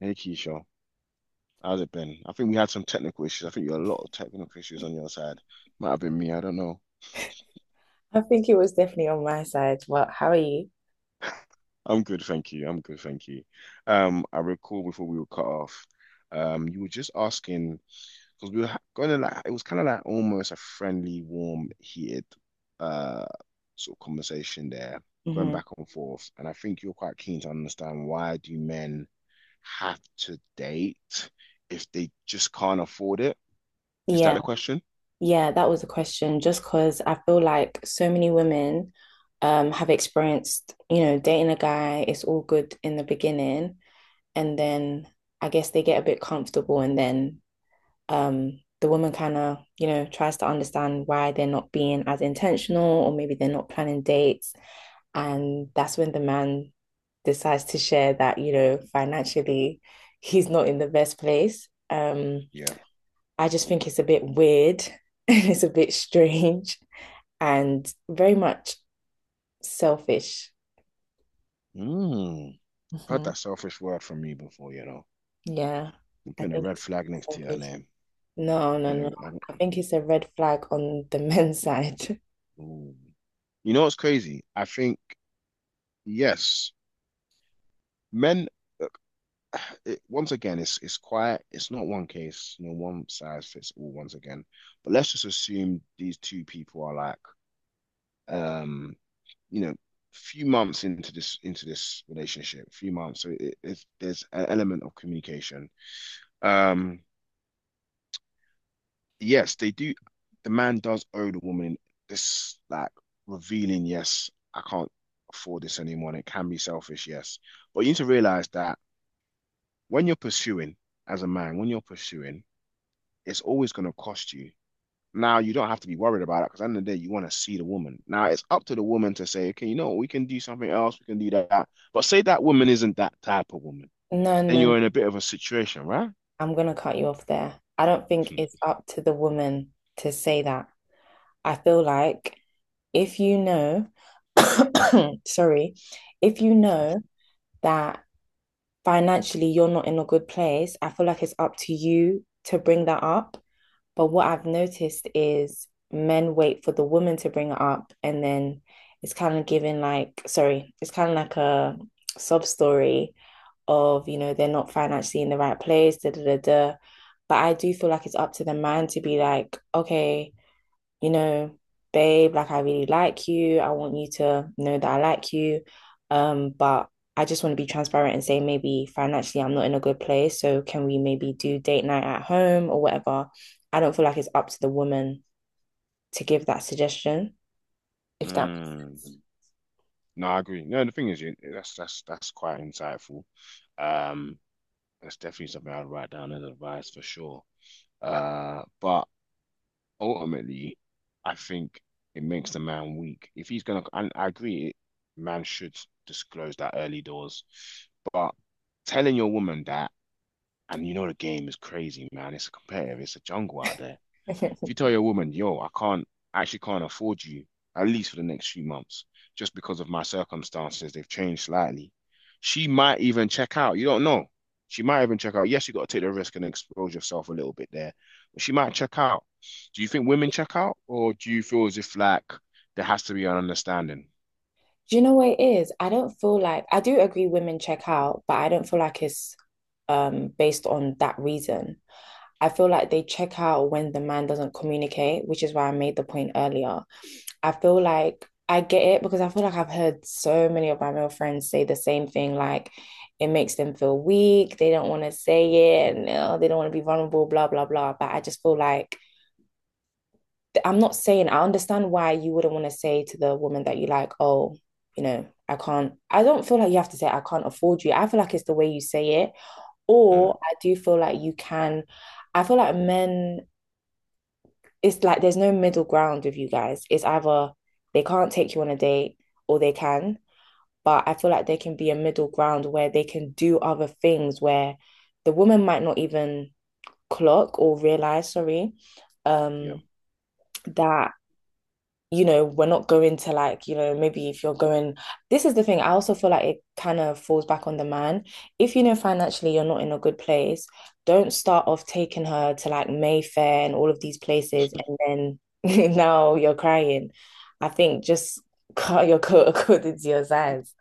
Hey Keisha, how's it been? I think we had some technical issues. I think you had a lot of technical issues on your side. Might have been me, I don't know. I think it was definitely on my side. Well, how are you? I'm good, thank you. I'm good, thank you. I recall before we were cut off, you were just asking because we were gonna, like, it was kind of like almost a friendly, warm, heated uh sort of conversation there, going Hmm. back and forth. And I think you're quite keen to understand why do men have to date if they just can't afford it? Is that Yeah, the question? yeah, that was a question. Just because I feel like so many women have experienced, you know, dating a guy, it's all good in the beginning, and then I guess they get a bit comfortable, and then the woman kind of you know tries to understand why they're not being as intentional or maybe they're not planning dates, and that's when the man decides to share that you know financially he's not in the best place. Yeah. I just think it's a bit weird and it's a bit strange and very much selfish. Mm. Heard Hmm. that selfish word from you before. Yeah, I'm I putting a think red it's flag next to your selfish. name. No, no, no, Putting a, I think it's a red flag on the men's side. ooh. You know what's crazy? I think, yes, men, it, once again, it's quiet. It's not one case, one size fits all once again. But let's just assume these two people are like, um, you know, few months into this relationship, few months. So there's an element of communication. Um, yes, they do. The man does owe the woman this, like, revealing, yes, I can't afford this anymore. And it can be selfish, yes. But you need to realize that when you're pursuing as a man, when you're pursuing, it's always going to cost you. Now, you don't have to be worried about it because at the end of the day, you want to see the woman. Now, it's up to the woman to say, okay, you know we can do something else, we can do that. But say that woman isn't that type of woman, No, then no, you're in a bit of a situation, right? I'm gonna cut you off there. I don't think Hmm, it's up to the woman to say that. I feel like if you know, sorry, if you sure. know that financially you're not in a good place, I feel like it's up to you to bring that up. But what I've noticed is men wait for the woman to bring it up, and then it's kind of given like, sorry, it's kind of like a sob story of, you know, they're not financially in the right place, da da da da. But I do feel like it's up to the man to be like, okay, you know, babe, like I really like you. I want you to know that I like you. But I just want to be transparent and say maybe financially I'm not in a good place. So can we maybe do date night at home or whatever? I don't feel like it's up to the woman to give that suggestion, if that Hmm. makes No, I agree. No, the thing is, that's quite insightful. Um, that's definitely something I'd write down as advice for sure. But ultimately, I think it makes the man weak. If he's gonna, and I agree, man should disclose that early doors. But telling your woman that, and you know the game is crazy, man. It's competitive. It's a jungle out there. sense. If you tell your woman, yo, I actually can't afford you, at least for the next few months, just because of my circumstances, they've changed slightly. She might even check out. You don't know. She might even check out. Yes, you got to take the risk and expose yourself a little bit there, but she might check out. Do you think women check out, or do you feel as if like there has to be an understanding? Do you know what it is? I don't feel like — I do agree women check out, but I don't feel like it's based on that reason. I feel like they check out when the man doesn't communicate, which is why I made the point earlier. I feel like I get it because I feel like I've heard so many of my male friends say the same thing, like it makes them feel weak, they don't want to say it, and they don't want to be vulnerable, blah, blah, blah. But I just feel like — I'm not saying I understand why you wouldn't want to say to the woman that you like, oh, you know, I can't. I don't feel like you have to say I can't afford you. I feel like it's the way you say it, Mm, or I do feel like you can. I feel like men. It's like there's no middle ground with you guys. It's either they can't take you on a date or they can, but I feel like there can be a middle ground where they can do other things where the woman might not even clock or realize, sorry, yeah, um, that you know, we're not going to like, you know, maybe if you're going, this is the thing. I also feel like it kind of falls back on the man. If you know financially you're not in a good place, don't start off taking her to like Mayfair and all of these places and then now you're crying. I think just cut your coat according to your size.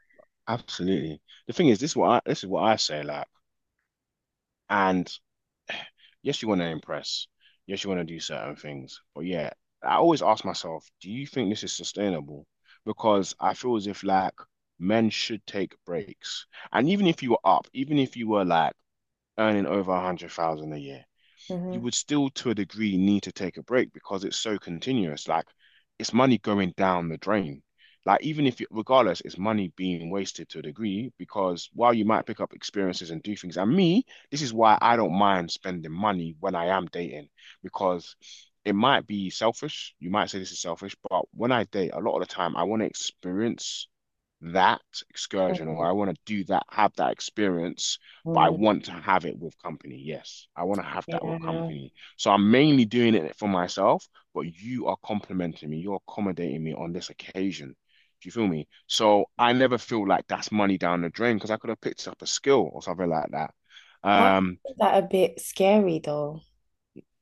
absolutely. The thing is, this is what I say, like, and yes, you want to impress. Yes, you want to do certain things. But yeah, I always ask myself, do you think this is sustainable? Because I feel as if like men should take breaks. And even if you were like earning over 100,000 a year, you Hmm. would still, to a degree, need to take a break because it's so continuous. Like, it's money going down the drain. Like, even if, you, regardless, it's money being wasted to a degree because while you might pick up experiences and do things, and me, this is why I don't mind spending money when I am dating because it might be selfish. You might say this is selfish, but when I date, a lot of the time, I want to experience that excursion or I want to do that, have that experience, but I want to have it with company. Yes, I want to have that with Yeah. company. So I'm mainly doing it for myself, but you are complimenting me, you're accommodating me on this occasion. Do you feel me? So I never feel like that's money down the drain because I could have picked up a skill or something like that. But I Um, find that a bit scary though.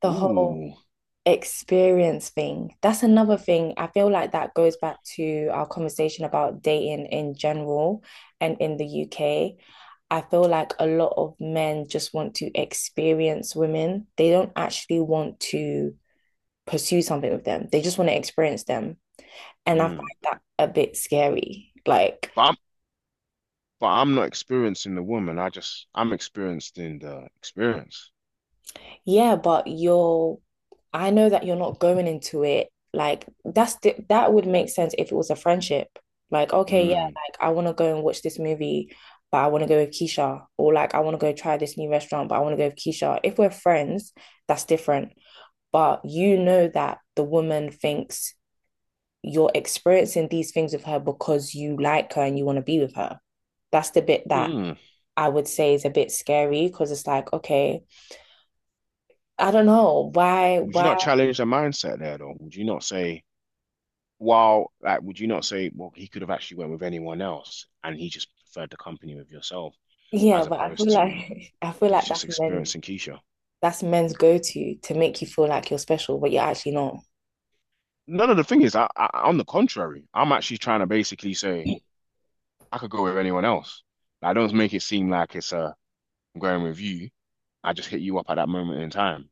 The whole ooh, experience thing. That's another thing. I feel like that goes back to our conversation about dating in general and in the UK. I feel like a lot of men just want to experience women. They don't actually want to pursue something with them. They just want to experience them. And I find mm. that a bit scary. Like, But I'm, but I'm not experiencing the woman. I'm experiencing the experience. yeah, but you're, I know that you're not going into it. Like that's the, that would make sense if it was a friendship. Like, okay, yeah, Mm. like I want to go and watch this movie, but I want to go with Keisha, or like I want to go try this new restaurant, but I want to go with Keisha. If we're friends, that's different. But you know that the woman thinks you're experiencing these things with her because you like her and you want to be with her. That's the bit that Mm. I would say is a bit scary because it's like, okay, I don't know why, Would you why. not challenge the mindset there though? Would you not say, well, he could have actually went with anyone else and he just preferred the company with yourself Yeah, as but I feel opposed to like I feel he's like just that's men's experiencing Keisha? that's men's go-to to make you feel like you're special, but you're actually not. No, no, the thing is, on the contrary, I'm actually trying to basically say I could go with anyone else. Like, I don't make it seem like it's a I'm going with you. I just hit you up at that moment in time.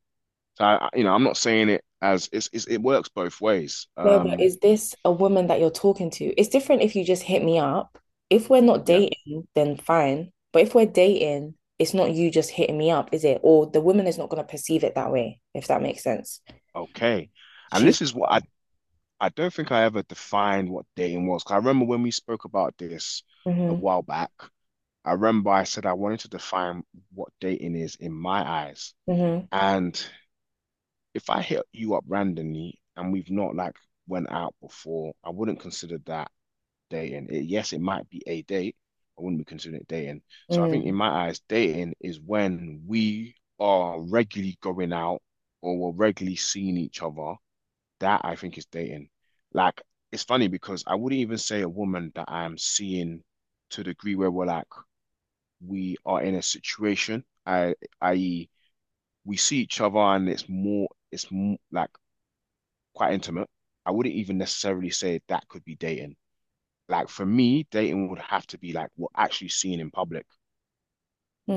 I'm not saying it as it works both ways. No, but Um, is this a woman that you're talking to? It's different if you just hit me up. If we're not yeah, dating, then fine. But if we're dating, it's not you just hitting me up, is it? Or the woman is not going to perceive it that way, if that makes sense. okay. And She's — this is what I don't think I ever defined what dating was. 'Cause I remember when we spoke about this a hmm. while back, I remember I said I wanted to define what dating is in my eyes. Hmm. And if I hit you up randomly and we've not like went out before, I wouldn't consider that dating. It, yes, it might be a date. I wouldn't be considering it dating. So I think Mm, in my eyes, dating is when we are regularly going out or we're regularly seeing each other that I think is dating. Like, it's funny because I wouldn't even say a woman that I'm seeing to the degree where we're like we are in a situation. I, i.e., we see each other and like quite intimate. I wouldn't even necessarily say that could be dating. Like, for me, dating would have to be like we're actually seen in public.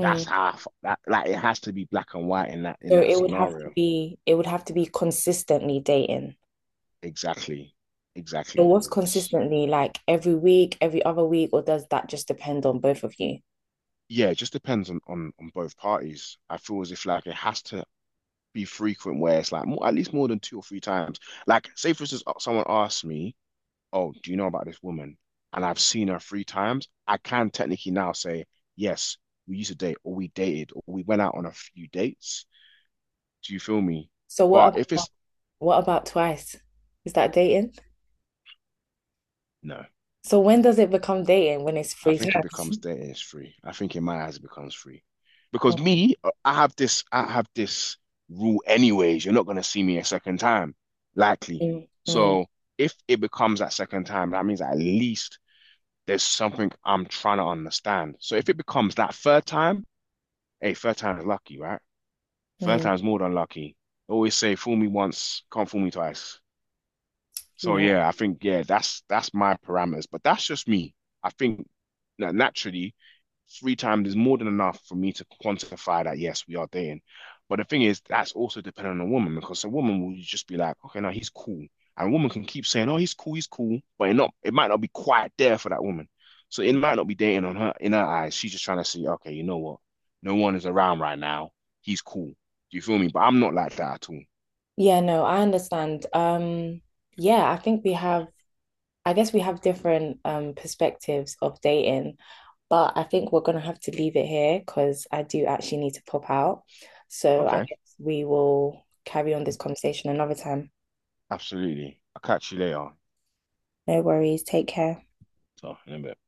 That's half that like it has to be black and white in that in So that it would scenario. Have to be consistently dating. Exactly. But Exactly. what's consistently — like every week, every other week, or does that just depend on both of you? Yeah, it just depends on both parties. I feel as if like it has to be frequent where it's like more, at least more than two or three times. Like, say for instance, someone asks me, "Oh, do you know about this woman?" And I've seen her three times. I can technically now say, "Yes, we used to date, or we dated, or we went out on a few dates." Do you feel me? So But if about it's what about twice? Is that dating? No, So when does it become dating? When it's I free time? think it becomes there is free. I think in my eyes it becomes free. Mm, Because me, I have this rule anyways. You're not gonna see me a second time, likely. mm, mm. So if it becomes that second time, that means at least there's something I'm trying to understand. So if it becomes that third time, hey, third time is lucky, right? Third Mm. time's more than lucky. I always say fool me once, can't fool me twice. So Yeah. yeah, I think yeah, that's my parameters. But that's just me. I think that naturally three times is more than enough for me to quantify that yes, we are dating. But the thing is, that's also dependent on a woman because a woman will just be like, okay, now he's cool. And a woman can keep saying, oh, he's cool, but it might not be quite there for that woman. So it might not be dating on her in her eyes. She's just trying to see, okay, you know what? No one is around right now. He's cool. Do you feel me? But I'm not like that at all. Yeah, no, I understand. Yeah, I think we have I guess we have different perspectives of dating, but I think we're gonna have to leave it here because I do actually need to pop out. So I Okay, guess we will carry on this conversation another time. absolutely. I'll catch you later. No worries. Take care. So in a bit.